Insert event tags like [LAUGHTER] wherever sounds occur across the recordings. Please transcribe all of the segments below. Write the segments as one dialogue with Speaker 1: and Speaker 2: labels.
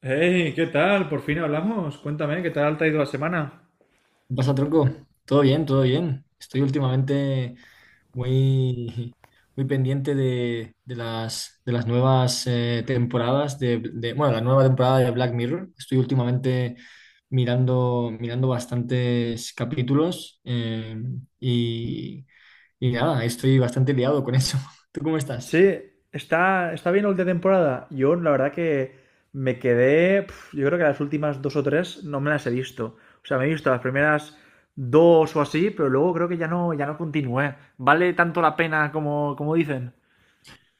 Speaker 1: Hey, ¿qué tal? Por fin hablamos. Cuéntame, ¿qué tal te ha ido la semana?
Speaker 2: ¿Qué pasa, tronco? Todo bien, todo bien. Estoy últimamente muy, muy pendiente de las nuevas temporadas de- bueno, la nueva temporada de Black Mirror. Estoy últimamente mirando bastantes capítulos y, y nada, estoy bastante liado con eso. [LAUGHS] ¿Tú cómo estás?
Speaker 1: Sí, está bien el de temporada. Yo, la verdad que me quedé. Yo creo que las últimas dos o tres no me las he visto. O sea, me he visto las primeras dos o así, pero luego creo que ya no continué. ¿Vale tanto la pena como, como dicen?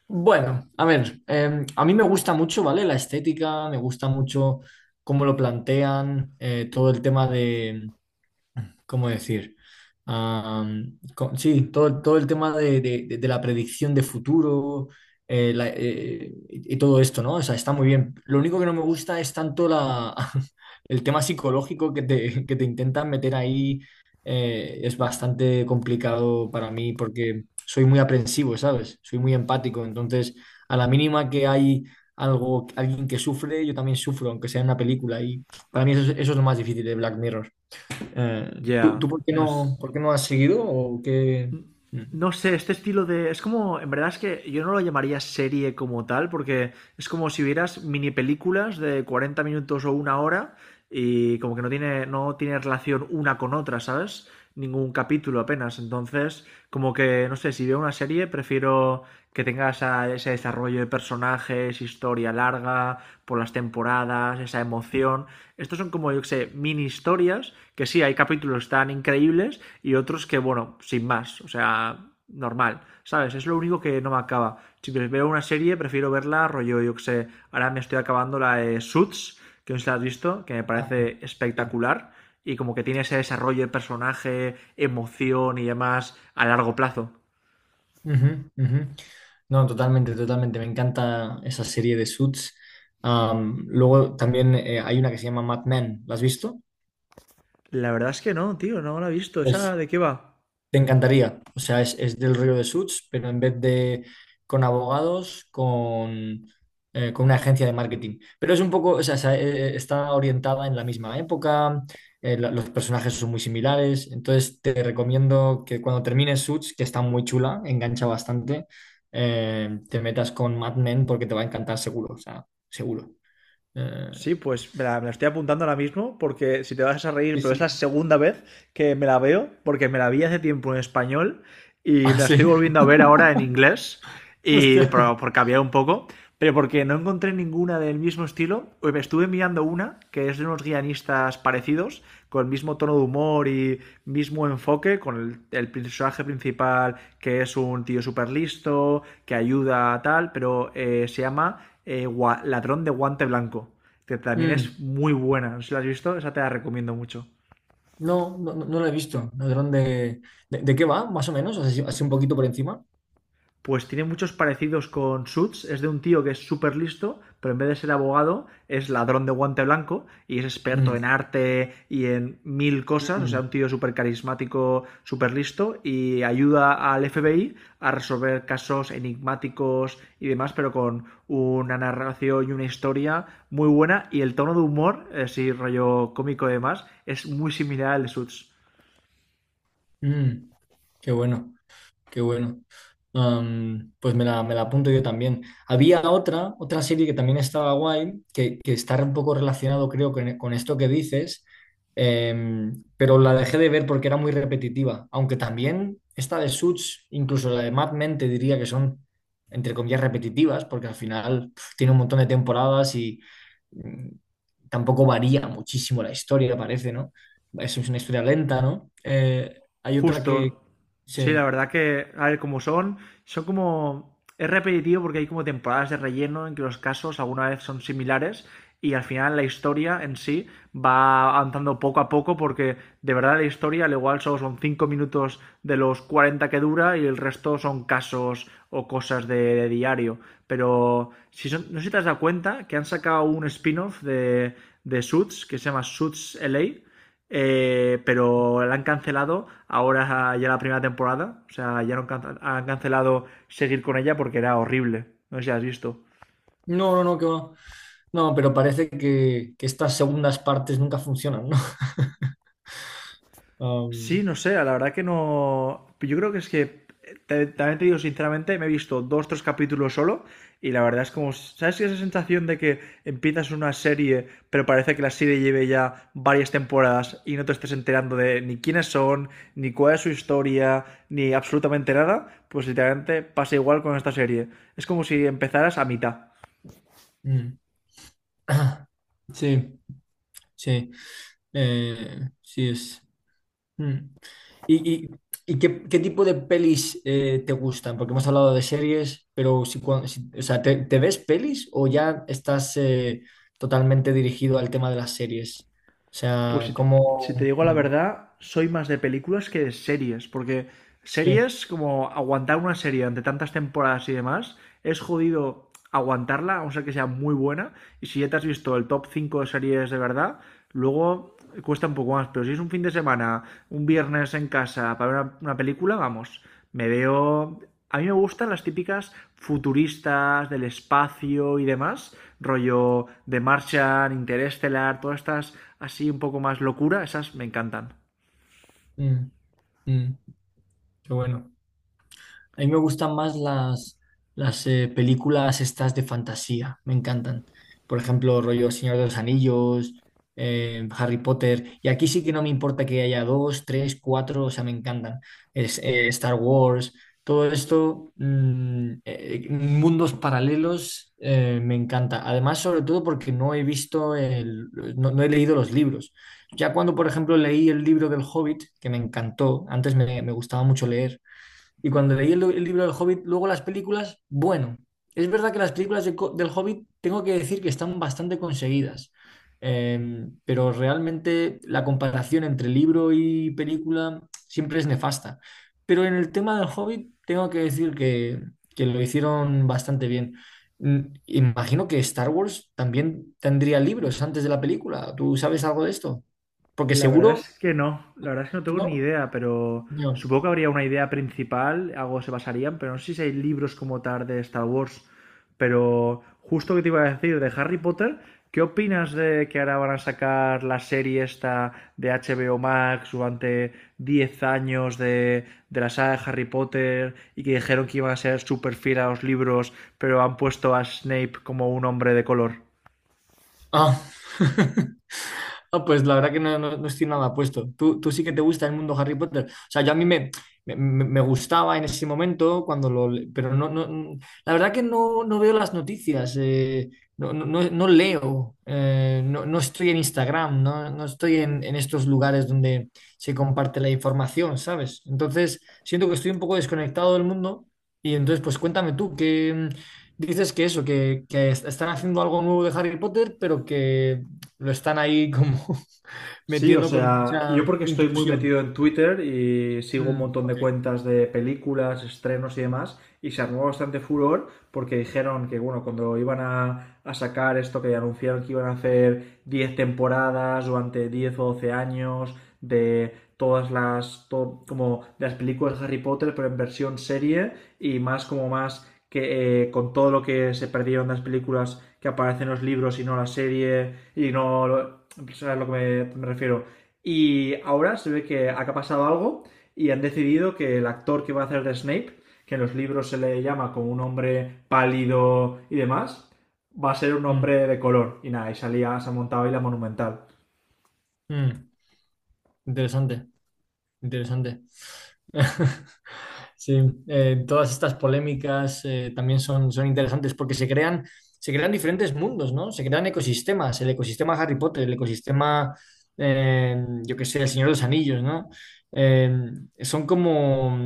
Speaker 2: Bueno, a ver, a mí me gusta mucho, ¿vale? La estética, me gusta mucho cómo lo plantean, todo el tema de ¿cómo decir? Co- sí, todo el tema de de la predicción de futuro y todo esto, ¿no? O sea, está muy bien. Lo único que no me gusta es tanto la, [LAUGHS] el tema psicológico que te, [LAUGHS] que te intentan meter ahí. Es bastante complicado para mí porque soy muy aprensivo, ¿sabes? Soy muy empático. Entonces, a la mínima que hay algo, alguien que sufre, yo también sufro, aunque sea en una película. Y para mí eso es lo más difícil de Black Mirror. Eh, ¿tú,
Speaker 1: Ya,
Speaker 2: tú
Speaker 1: no sé.
Speaker 2: por qué no has seguido o qué? Mm.
Speaker 1: No sé, este estilo de... Es como, en verdad es que yo no lo llamaría serie como tal, porque es como si vieras mini películas de 40 minutos o una hora y como que no tiene relación una con otra, ¿sabes? Ningún capítulo apenas. Entonces, como que, no sé, si veo una serie, prefiero que tenga ese desarrollo de personajes, historia larga, por las temporadas, esa emoción. Estos son como, yo que sé, mini historias que sí, hay capítulos tan increíbles y otros que, bueno, sin más, o sea, normal, ¿sabes? Es lo único que no me acaba. Si veo una serie, prefiero verla rollo, yo que sé, ahora me estoy acabando la de Suits, que no sé si la has visto, que me
Speaker 2: Ah,
Speaker 1: parece
Speaker 2: sí.
Speaker 1: espectacular y como que tiene ese desarrollo de personaje, emoción y demás a largo plazo.
Speaker 2: Ujú, ujú. No, totalmente, totalmente. Me encanta esa serie de Suits. Am, luego también hay una que se llama Mad Men. ¿La has visto?
Speaker 1: La verdad es que no, tío, no la he visto. ¿Esa
Speaker 2: Pues
Speaker 1: de qué va?
Speaker 2: te encantaría. O sea, es del Río de Suits, pero en vez de con abogados, con una agencia de marketing. Pero es un poco, o sea, se- está orientada en la misma época, la- los personajes son muy similares. Entonces, te recomiendo que cuando termines Suits, que está muy chula, engancha bastante, te metas con Mad Men porque te va a encantar seguro, o sea, seguro. Eh,
Speaker 1: Sí, pues me la estoy apuntando ahora mismo porque si te vas a reír,
Speaker 2: sí,
Speaker 1: pero es
Speaker 2: sí.
Speaker 1: la
Speaker 2: [LAUGHS]
Speaker 1: segunda vez que me la veo, porque me la vi hace tiempo en español y
Speaker 2: Ah,
Speaker 1: me la
Speaker 2: sí.
Speaker 1: estoy volviendo a
Speaker 2: [LAUGHS]
Speaker 1: ver ahora en inglés, y
Speaker 2: Hostia.
Speaker 1: por cambiar un poco, pero porque no encontré ninguna del mismo estilo. Pues estuve mirando una que es de unos guionistas parecidos, con el mismo tono de humor y mismo enfoque, con el personaje principal que es un tío súper listo, que ayuda a tal, pero se llama Ladrón de Guante Blanco, que también
Speaker 2: Mm.
Speaker 1: es muy buena. No sé si la has visto, esa te la recomiendo mucho.
Speaker 2: No, lo he visto. ¿Ladrón de qué va, más o menos? Así, así un poquito por encima.
Speaker 1: Pues tiene muchos parecidos con Suits. Es de un tío que es súper listo, pero en vez de ser abogado, es ladrón de guante blanco y es experto en
Speaker 2: Mm,
Speaker 1: arte y en mil cosas. O sea,
Speaker 2: mm,
Speaker 1: un tío súper carismático, súper listo y ayuda al FBI a resolver casos enigmáticos y demás, pero con una narración y una historia muy buena. Y el tono de humor, sí, rollo cómico y demás, es muy similar al de Suits.
Speaker 2: mm, qué bueno. Qué bueno. Am, pues me la apunto yo también. Había otra, otra serie que también estaba guay, que está un poco relacionado, creo, con esto que dices, pero la dejé de ver porque era muy repetitiva. Aunque también esta de Suits, incluso la de Mad Men, te diría que son, entre comillas, repetitivas, porque al final pf, tiene un montón de temporadas y mm, tampoco varía muchísimo la historia, parece, ¿no? Es una historia lenta, ¿no? Hay otra que...
Speaker 1: Justo. Sí,
Speaker 2: Sí.
Speaker 1: la verdad que, a ver, como son, son como... Es repetitivo porque hay como temporadas de relleno en que los casos alguna vez son similares y al final la historia en sí va avanzando poco a poco porque de verdad la historia al igual solo son 5 minutos de los 40 que dura y el resto son casos o cosas de diario. Pero no sé si te has dado cuenta que han sacado un spin-off de Suits que se llama Suits LA, pero la han cancelado ahora ya la primera temporada. O sea, ya no han, cancelado seguir con ella porque era horrible. No sé si has visto.
Speaker 2: No, no, no, que va. No, pero parece que estas segundas partes nunca funcionan, ¿no? [LAUGHS]
Speaker 1: Sí,
Speaker 2: Um,
Speaker 1: no sé, la verdad que no. Yo creo que es que, también te digo sinceramente, me he visto dos, tres capítulos solo y la verdad es como, ¿sabes esa sensación de que empiezas una serie, pero parece que la serie lleve ya varias temporadas y no te estés enterando de ni quiénes son, ni cuál es su historia, ni absolutamente nada? Pues literalmente pasa igual con esta serie. Es como si empezaras a mitad.
Speaker 2: mm. [CLEARS THROAT] Sí, sí, sí es. Mm. ¿Y, y- y qué, qué tipo de pelis te gustan? Porque hemos hablado de series, pero si, cua- si- o sea, te ves pelis o ya estás totalmente dirigido al tema de las series? O
Speaker 1: Pues
Speaker 2: sea, ¿cómo?
Speaker 1: si te digo la
Speaker 2: Mm,
Speaker 1: verdad, soy más de películas que de series, porque
Speaker 2: sí,
Speaker 1: series, como aguantar una serie ante tantas temporadas y demás, es jodido aguantarla, a no ser que sea muy buena, y si ya te has visto el top 5 de series de verdad, luego cuesta un poco más, pero si es un fin de semana, un viernes en casa para ver una película, vamos, me veo a mí me gustan las típicas futuristas del espacio y demás, rollo de Martian, Interestelar, todas estas así un poco más locura, esas me encantan.
Speaker 2: mm, mm, qué bueno. A mí me gustan más las películas estas de fantasía, me encantan. Por ejemplo, rollo Señor de los Anillos, Harry Potter. Y aquí sí que no me importa que haya dos, tres, cuatro, o sea, me encantan. Es, Star Wars, todo esto, mundos paralelos, me encanta. Además, sobre todo porque no he visto, el- no he leído los libros. Ya cuando, por ejemplo, leí el libro del Hobbit, que me encantó, antes me gustaba mucho leer, y cuando leí el libro del Hobbit, luego las películas, bueno, es verdad que las películas de co- del Hobbit tengo que decir que están bastante conseguidas, pero realmente la comparación entre libro y película siempre es nefasta. Pero en el tema del Hobbit tengo que decir que lo hicieron bastante bien. Mm, imagino que Star Wars también tendría libros antes de la película. ¿Tú sabes algo de esto? Porque
Speaker 1: La verdad
Speaker 2: seguro,
Speaker 1: es que no, la verdad es que no tengo ni
Speaker 2: ¿no?
Speaker 1: idea, pero
Speaker 2: No.
Speaker 1: supongo que habría una idea principal, algo se basarían, pero no sé si hay libros como tal de Star Wars. Pero justo que te iba a decir de Harry Potter, ¿qué opinas de que ahora van a sacar la serie esta de HBO Max durante 10 años de la saga de Harry Potter y que dijeron que iban a ser súper fiel a los libros, pero han puesto a Snape como un hombre de color?
Speaker 2: Ah. [LAUGHS] Ah, pues la verdad que no, no- no estoy nada puesto. Tú sí que te gusta el mundo Harry Potter. O sea, yo a mí me gustaba en ese momento cuando lo... le- Pero no, no, la verdad que no, no veo las noticias. No, no, no- no leo. No, no estoy en Instagram. No, no estoy en estos lugares donde se comparte la información, ¿sabes? Entonces, siento que estoy un poco desconectado del mundo. Y entonces, pues cuéntame tú, que dices que eso, que están haciendo algo nuevo de Harry Potter, pero que... Lo están ahí como [LAUGHS]
Speaker 1: Sí, o
Speaker 2: metiendo con
Speaker 1: sea,
Speaker 2: mucha
Speaker 1: yo porque estoy muy
Speaker 2: inclusión.
Speaker 1: metido en Twitter y sigo un
Speaker 2: Mm,
Speaker 1: montón de
Speaker 2: ok.
Speaker 1: cuentas de películas, estrenos y demás, y se armó bastante furor porque dijeron que, bueno, cuando a sacar esto que anunciaron que iban a hacer 10 temporadas durante 10 o 12 años de todas las, como de las películas de Harry Potter, pero en versión serie y más como más que con todo lo que se perdieron las películas que aparecen en los libros y no la serie y no lo- sabes a lo que me refiero, y ahora se ve que acá ha pasado algo y han decidido que el actor que va a hacer de Snape, que en los libros se le llama como un hombre pálido y demás, va a ser un
Speaker 2: Mm,
Speaker 1: hombre de color, y nada, y salía se ha montado ahí la monumental.
Speaker 2: mm. Interesante, interesante. [LAUGHS] Sí, todas estas polémicas también son, son interesantes porque se crean diferentes mundos, ¿no? Se crean ecosistemas, el ecosistema Harry Potter, el ecosistema, yo qué sé, el Señor de los Anillos, ¿no? Eh, son como,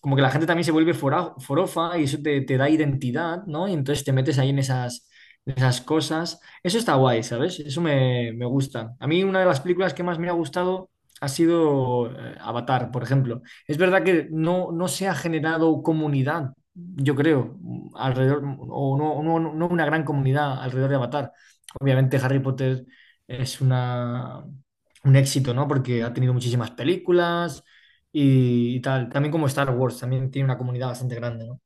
Speaker 2: como que la gente también se vuelve fora- forofa y eso te, te da identidad, ¿no? Y entonces te metes ahí en esas cosas. Eso está guay, ¿sabes? Eso me, me gusta. A mí una de las películas que más me ha gustado ha sido Avatar, por ejemplo. Es verdad que no, no se ha generado comunidad, yo creo, alrededor, o no, no una gran comunidad alrededor de Avatar. Obviamente Harry Potter es una, un éxito, ¿no? Porque ha tenido muchísimas películas y tal. También como Star Wars, también tiene una comunidad bastante grande, ¿no?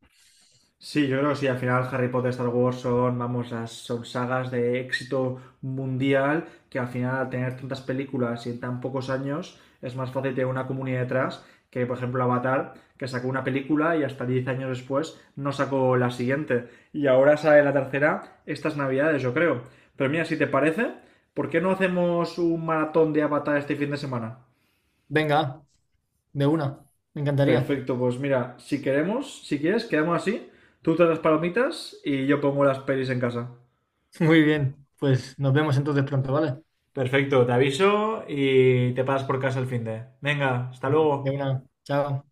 Speaker 1: Sí, yo creo que sí. Al final, Harry Potter, Star Wars son, vamos, son sagas de éxito mundial que al final, al tener tantas películas y en tan pocos años, es más fácil tener una comunidad detrás que, por ejemplo, Avatar, que sacó una película y hasta 10 años después no sacó la siguiente. Y ahora sale la tercera estas navidades, yo creo. Pero mira, si te parece, ¿por qué no hacemos un maratón de Avatar este fin de semana?
Speaker 2: Venga, de una, me encantaría.
Speaker 1: Perfecto, pues mira, si queremos, si quieres, quedamos así. Tú te das palomitas y yo pongo las pelis en casa.
Speaker 2: [LAUGHS] Muy bien, pues nos vemos entonces pronto, ¿vale?
Speaker 1: Perfecto, te aviso y te pasas por casa el fin de. Venga, hasta
Speaker 2: De
Speaker 1: luego.
Speaker 2: una, chao.